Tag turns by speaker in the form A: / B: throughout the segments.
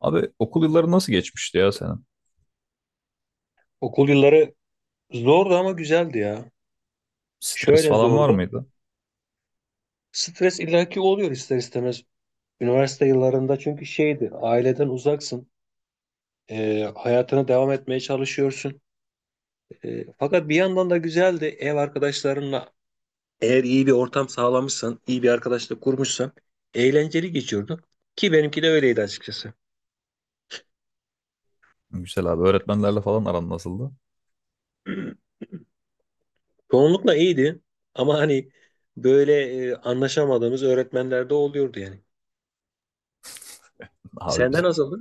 A: Abi okul yılları nasıl geçmişti ya senin?
B: Okul yılları zordu ama güzeldi ya.
A: Stres
B: Şöyle
A: falan var
B: zordu.
A: mıydı?
B: Stres illaki oluyor ister istemez. Üniversite yıllarında çünkü şeydi, aileden uzaksın. Hayatına devam etmeye çalışıyorsun. Fakat bir yandan da güzeldi. Ev arkadaşlarınla eğer iyi bir ortam sağlamışsan, iyi bir arkadaşla kurmuşsan eğlenceli geçiyordu. Ki benimki de öyleydi açıkçası.
A: Güzel abi öğretmenlerle falan aran nasıldı?
B: Çoğunlukla iyiydi ama hani böyle anlaşamadığımız öğretmenler de oluyordu yani.
A: Abi
B: Senden
A: bizim
B: nasıldı?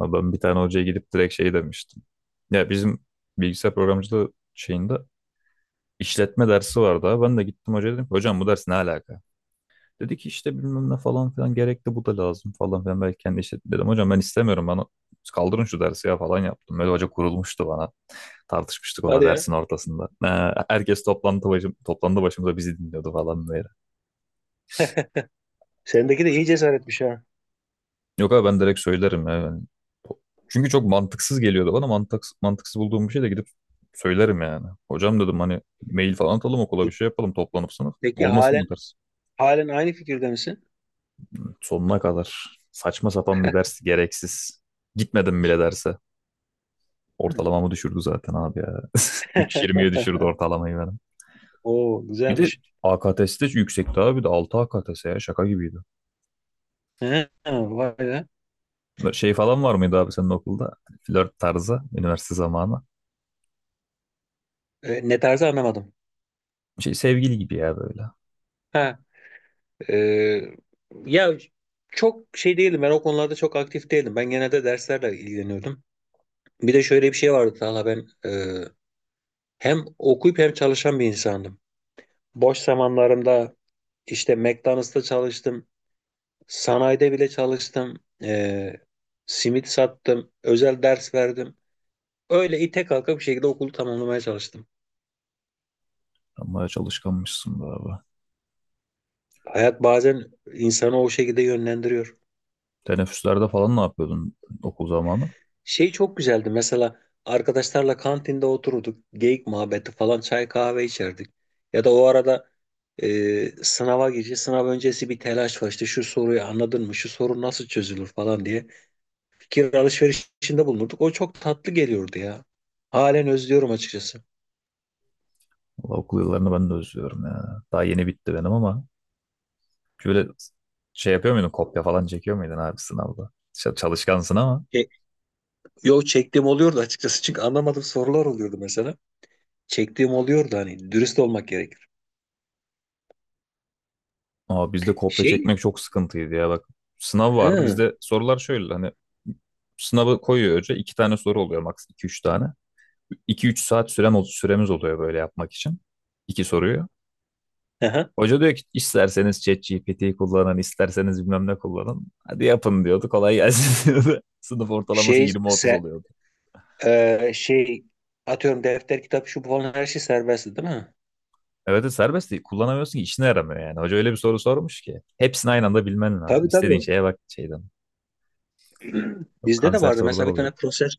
A: abi ben bir tane hocaya gidip direkt şey demiştim. Ya bizim bilgisayar programcılığı şeyinde işletme dersi vardı abi. Ben de gittim hocaya dedim ki hocam bu ders ne alaka? Dedi ki işte bilmem ne falan filan gerekli bu da lazım falan filan. Belki kendi işletme dedim hocam ben istemiyorum bana kaldırın şu dersi ya falan yaptım. Böyle hoca kurulmuştu bana. Tartışmıştık ona
B: Hadi ya.
A: dersin ortasında. Ha, herkes toplantı başımıza bizi dinliyordu falan böyle.
B: Sendeki de iyi cesaretmiş ha.
A: Yok abi ben direkt söylerim ya. Çünkü çok mantıksız geliyordu bana. Mantıksız bulduğum bir şey de gidip söylerim yani. Hocam dedim hani mail falan atalım okula bir
B: Peki,
A: şey yapalım toplanıp sınıf.
B: peki
A: Olmasın bu
B: halen
A: ders.
B: halen aynı fikirde misin?
A: Sonuna kadar saçma sapan bir ders gereksiz. Gitmedim bile derse.
B: Hı.
A: Ortalamamı düşürdü zaten abi ya. 3,20'ye düşürdü ortalamayı benim.
B: Oo
A: Bir de
B: güzelmiş.
A: AKTS de yüksekti abi de 6 AKTS ya şaka gibiydi.
B: He, vay be.
A: Böyle şey falan var mıydı abi senin okulda? Flört tarzı, üniversite zamanı.
B: E, ne tarzı anlamadım.
A: Şey sevgili gibi ya böyle.
B: Ha, e, ya çok şey değilim, ben o konularda çok aktif değilim. Ben genelde derslerle ilgileniyordum. Bir de şöyle bir şey vardı Talha, ben hem okuyup hem çalışan bir insandım. Boş zamanlarımda işte McDonald's'ta çalıştım. Sanayide bile çalıştım. E, simit sattım. Özel ders verdim. Öyle ite kalka bir şekilde okulu tamamlamaya çalıştım.
A: Sen bayağı çalışkanmışsın be abi.
B: Hayat bazen insanı o şekilde yönlendiriyor.
A: Teneffüslerde falan ne yapıyordun okul zamanı?
B: Şey çok güzeldi mesela, arkadaşlarla kantinde otururduk. Geyik muhabbeti falan çay kahve içerdik. Ya da o arada e, sınava gireceğiz. Sınav öncesi bir telaş var, işte şu soruyu anladın mı? Şu soru nasıl çözülür falan diye. Fikir alışverişinde bulunurduk. O çok tatlı geliyordu ya. Halen özlüyorum açıkçası.
A: Valla okul yıllarını ben de özlüyorum ya. Daha yeni bitti benim ama şöyle şey yapıyor muydun? Kopya falan çekiyor muydun abi sınavda? Çalışkansın ama.
B: E, Yok, çektiğim oluyordu açıkçası. Çünkü anlamadığım sorular oluyordu mesela. Çektiğim oluyordu, hani dürüst olmak gerek.
A: Aa, bizde kopya
B: Şey,
A: çekmek çok sıkıntıydı ya bak. Sınav vardı.
B: ha,
A: Bizde sorular şöyle hani sınavı koyuyor hoca. İki tane soru oluyor maks iki üç tane. 2-3 saat süremiz oluyor böyle yapmak için. İki soruyu.
B: aha.
A: Hoca diyor ki isterseniz ChatGPT'yi kullanın, isterseniz bilmem ne kullanın. Hadi yapın diyordu. Kolay gelsin diyordu. Sınıf ortalaması
B: Şey,
A: 20-30
B: se,
A: oluyordu.
B: e, şey, atıyorum defter, kitap, şu bu falan her şey serbestti değil mi?
A: Evet de serbest değil. Kullanamıyorsun ki işine yaramıyor yani. Hoca öyle bir soru sormuş ki. Hepsini aynı anda bilmen lazım.
B: Tabii
A: İstediğin
B: tabii.
A: şeye bak şeyden. Yok
B: Bizde de
A: kanser
B: vardı
A: sorular
B: mesela bir tane
A: oluyordu.
B: proses,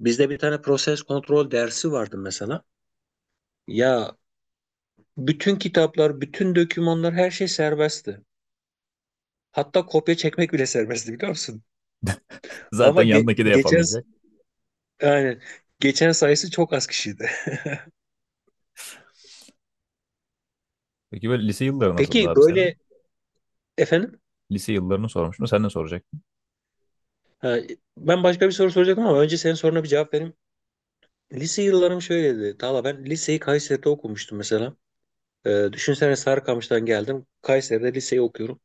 B: bizde bir tane proses kontrol dersi vardı mesela. Ya bütün kitaplar, bütün dokümanlar her şey serbestti. Hatta kopya çekmek bile serbestti biliyor musun?
A: Zaten
B: Ama
A: yanındaki de
B: geçen,
A: yapamayacak.
B: yani geçen sayısı çok az kişiydi.
A: Peki böyle lise yılları nasıldı
B: Peki
A: abi senin?
B: böyle efendim.
A: Lise yıllarını sormuştum. Sen ne soracaktın?
B: Ha, ben başka bir soru soracaktım ama önce senin soruna bir cevap vereyim. Lise yıllarım şöyleydi. Tala, ben liseyi Kayseri'de okumuştum mesela. Düşünsene, Sarıkamış'tan geldim, Kayseri'de liseyi okuyorum.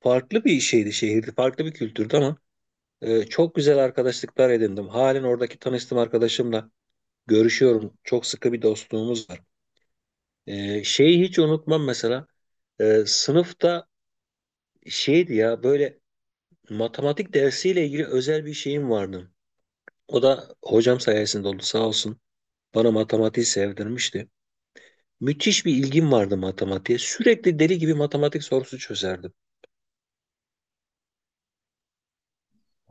B: Farklı bir şeydi şehirdi. Farklı bir kültürdü ama çok güzel arkadaşlıklar edindim. Halen oradaki tanıştığım arkadaşımla görüşüyorum. Çok sıkı bir dostluğumuz var. Şeyi hiç unutmam mesela. Sınıfta şeydi ya, böyle matematik dersiyle ilgili özel bir şeyim vardı. O da hocam sayesinde oldu, sağ olsun. Bana matematiği sevdirmişti. Müthiş bir ilgim vardı matematiğe. Sürekli deli gibi matematik sorusu çözerdim.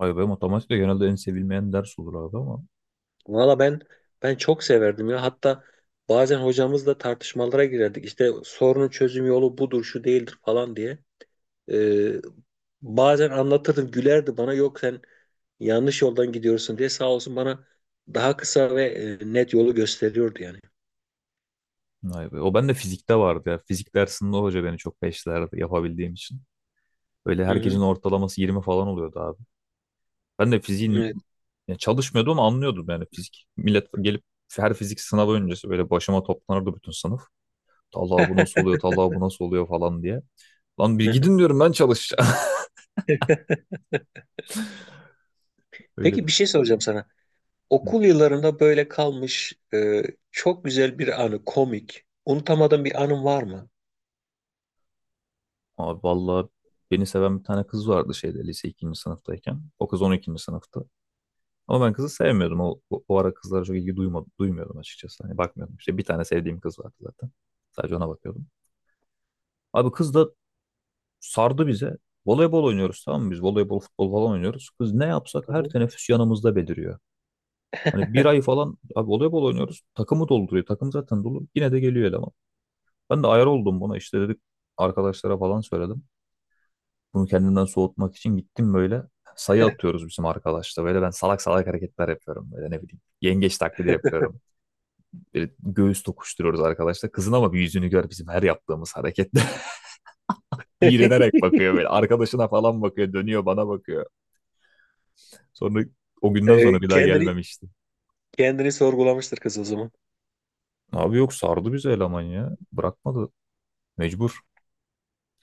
A: Ay be matematik genelde en sevilmeyen ders olur abi ama.
B: Valla ben çok severdim ya. Hatta bazen hocamızla tartışmalara girerdik. İşte sorunun çözüm yolu budur, şu değildir falan diye. Ee, Bazen anlatırdım, gülerdi bana. Yok sen yanlış yoldan gidiyorsun diye, sağ olsun bana daha kısa ve net yolu gösteriyordu yani.
A: Ay be. O bende fizikte vardı ya. Fizik dersinde o hoca beni çok peşlerdi yapabildiğim için. Böyle
B: Hı
A: herkesin
B: hı.
A: ortalaması 20 falan oluyordu abi. Ben de fiziğin
B: Evet.
A: ya çalışmıyordum ama anlıyordum yani fizik. Millet gelip her fizik sınavı öncesi böyle başıma toplanırdı bütün sınıf. Talha bu nasıl oluyor, Talha bu nasıl oluyor falan diye. Lan bir
B: Hı hı.
A: gidin diyorum ben çalışacağım. Öyle
B: Peki
A: bir...
B: bir şey soracağım sana.
A: Hı.
B: Okul yıllarında böyle kalmış çok güzel bir anı, komik. Unutamadığın bir anın var mı?
A: Abi vallahi beni seven bir tane kız vardı şeyde lise ikinci sınıftayken. O kız 12. sınıfta. Ama ben kızı sevmiyordum. O ara kızlara çok ilgi duymadım, duymuyordum açıkçası. Hani bakmıyordum. İşte bir tane sevdiğim kız vardı zaten. Sadece ona bakıyordum. Abi kız da sardı bize. Voleybol oynuyoruz tamam mı biz? Voleybol, futbol falan oynuyoruz. Kız ne yapsak
B: Hı
A: her
B: hı.
A: teneffüs yanımızda beliriyor. Hani bir ay falan abi voleybol oynuyoruz. Takımı dolduruyor. Takım zaten dolu. Yine de geliyor eleman. Ben de ayar oldum buna. İşte dedik arkadaşlara falan söyledim. Bunu kendimden soğutmak için gittim böyle. Sayı atıyoruz bizim arkadaşla. Böyle ben salak salak hareketler yapıyorum. Böyle ne bileyim. Yengeç taklidi yapıyorum. Böyle göğüs tokuşturuyoruz arkadaşla. Kızın ama bir yüzünü gör bizim her yaptığımız harekette. İğrenerek bakıyor böyle. Arkadaşına falan bakıyor. Dönüyor bana bakıyor. Sonra o günden sonra
B: E,
A: bir daha
B: kendini
A: gelmemişti.
B: kendini sorgulamıştır kız o zaman.
A: Abi yok sardı bizi eleman ya. Bırakmadı. Mecbur.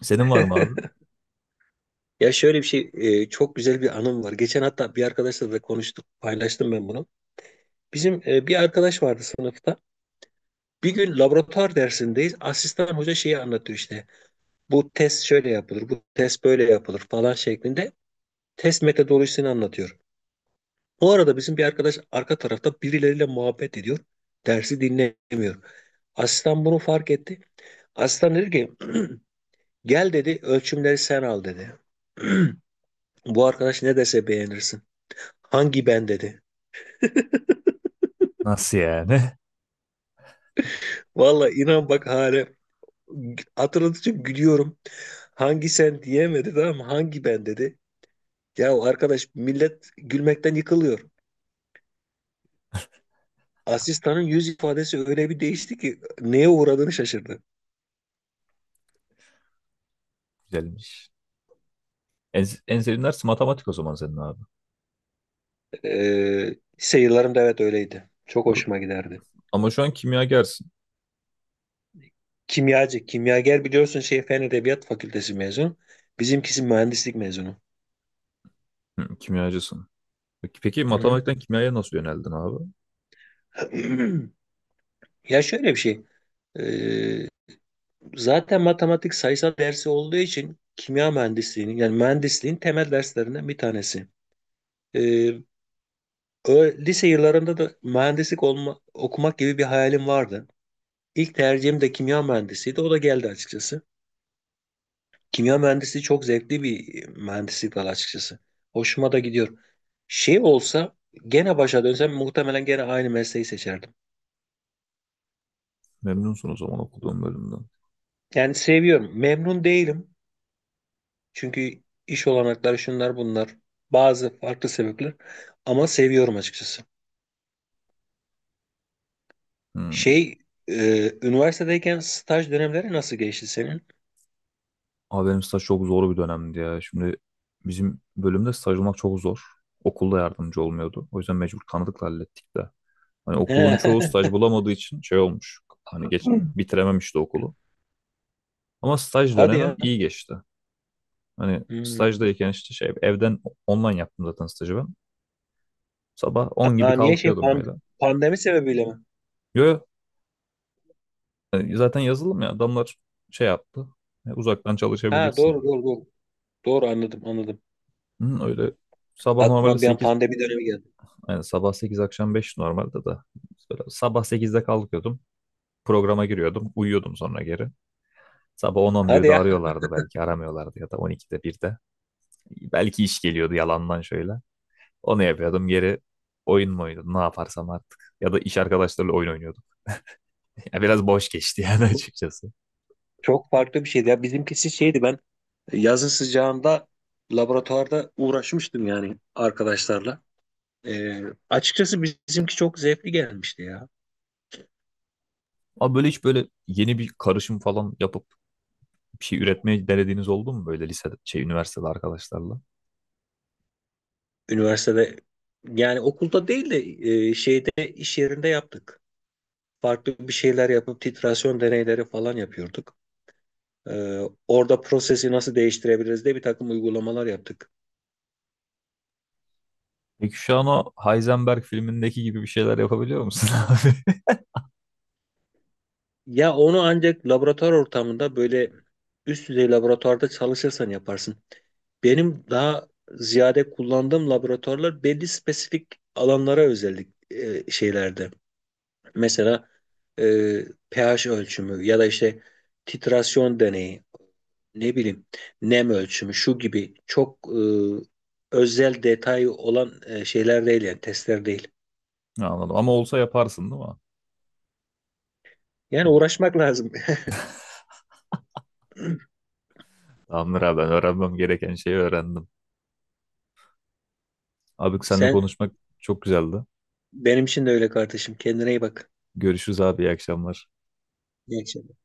A: Senin var mı abi?
B: Ya şöyle bir şey, çok güzel bir anım var. Geçen hatta bir arkadaşla da konuştuk, paylaştım ben bunu. Bizim bir arkadaş vardı sınıfta. Bir gün laboratuvar dersindeyiz. Asistan hoca şeyi anlatıyor işte. Bu test şöyle yapılır, bu test böyle yapılır falan şeklinde test metodolojisini anlatıyor. Bu arada bizim bir arkadaş arka tarafta birileriyle muhabbet ediyor. Dersi dinlemiyor. Asistan bunu fark etti. Asistan dedi ki, gel dedi, ölçümleri sen al dedi. Bu arkadaş ne dese beğenirsin. Hangi ben dedi.
A: Nasıl yani?
B: Valla inan bak, hala hatırladıkça gülüyorum. Hangi sen diyemedi tamam mı? Hangi ben dedi. Ya arkadaş, millet gülmekten yıkılıyor. Asistanın yüz ifadesi öyle bir değişti ki neye uğradığını şaşırdı.
A: Güzelmiş. En sevdiğin ders matematik o zaman senin abi.
B: Ee, Lise yıllarımda evet öyleydi. Çok hoşuma giderdi.
A: Ama şu an kimyagersin.
B: Kimyacı, kimyager biliyorsun şey Fen Edebiyat Fakültesi mezunu. Bizimkisi mühendislik mezunu.
A: Hı, kimyacısın. Peki
B: Hı hı.
A: matematikten kimyaya nasıl yöneldin abi?
B: Ya şöyle bir şey. Ee, Zaten matematik sayısal dersi olduğu için kimya mühendisliğinin, yani mühendisliğin temel derslerinden bir tanesi. Ee, Lise yıllarında da mühendislik olma, okumak gibi bir hayalim vardı. İlk tercihim de kimya mühendisiydi. O da geldi açıkçası. Kimya mühendisliği çok zevkli bir mühendislik dalı açıkçası. Hoşuma da gidiyor. Şey olsa gene başa dönsem muhtemelen gene aynı mesleği seçerdim.
A: Memnunsun o zaman okuduğun bölümden.
B: Yani seviyorum. Memnun değilim. Çünkü iş olanakları şunlar bunlar. Bazı farklı sebepler. Ama seviyorum açıkçası.
A: Hı.
B: Şey, üniversitedeyken staj dönemleri nasıl geçti senin?
A: Abi benim staj çok zor bir dönemdi ya. Şimdi bizim bölümde staj olmak çok zor. Okulda yardımcı olmuyordu. O yüzden mecbur tanıdıkla hallettik de. Hani okulun çoğu staj
B: He.
A: bulamadığı için şey olmuş. Hani geç bitirememişti okulu. Ama staj
B: Hadi
A: dönemim
B: ya.
A: iyi geçti. Hani
B: Hmm.
A: stajdayken işte şey evden online yaptım zaten stajı ben. Sabah 10 gibi
B: Aa, niye şey
A: kalkıyordum böyle.
B: pandemi sebebiyle mi?
A: Yo, yo, hani zaten yazılım ya adamlar şey yaptı. Uzaktan
B: Ha
A: çalışabilirsin
B: doğru
A: dedi.
B: doğru doğru. Doğru, anladım anladım.
A: Hı, öyle sabah normalde
B: Aklıma bir an
A: 8.
B: pandemi dönemi geldi.
A: Yani sabah 8 akşam 5 normalde de. Böyle sabah sekizde kalkıyordum. Programa giriyordum. Uyuyordum sonra geri. Sabah on on
B: Hadi
A: 11'de
B: ya.
A: arıyorlardı belki aramıyorlardı ya da 12'de 1'de. Belki iş geliyordu yalandan şöyle. Onu yapıyordum geri oyun mu oynuyordum ne yaparsam artık. Ya da iş arkadaşlarıyla oyun oynuyordum. Ya biraz boş geçti yani açıkçası.
B: Çok farklı bir şeydi ya. Bizimkisi şeydi, ben yazın sıcağında laboratuvarda uğraşmıştım yani arkadaşlarla. Ee, Açıkçası bizimki çok zevkli gelmişti ya.
A: Ama böyle hiç böyle yeni bir karışım falan yapıp bir şey üretmeye denediğiniz oldu mu böyle lisede, şey üniversitede arkadaşlarla?
B: Üniversitede, yani okulda değil de şeyde, iş yerinde yaptık. Farklı bir şeyler yapıp titrasyon deneyleri falan yapıyorduk. Ee, Orada prosesi nasıl değiştirebiliriz diye bir takım uygulamalar yaptık.
A: Peki şu an o Heisenberg filmindeki gibi bir şeyler yapabiliyor musun abi?
B: Ya onu ancak laboratuvar ortamında böyle üst düzey laboratuvarda çalışırsan yaparsın. Benim daha ziyade kullandığım laboratuvarlar belli spesifik alanlara özellik şeylerde. Mesela e, pH ölçümü ya da işte titrasyon deneyi, ne bileyim nem ölçümü şu gibi çok özel detayı olan şeyler değil yani, testler değil.
A: Anladım ama olsa yaparsın değil mi? E,
B: Yani
A: bir-
B: uğraşmak lazım.
A: Tamamdır abi ben öğrenmem gereken şeyi öğrendim. Abi seninle
B: Sen
A: konuşmak çok güzeldi.
B: benim için de öyle kardeşim. Kendine iyi bak.
A: Görüşürüz abi iyi akşamlar.
B: İyi akşamlar.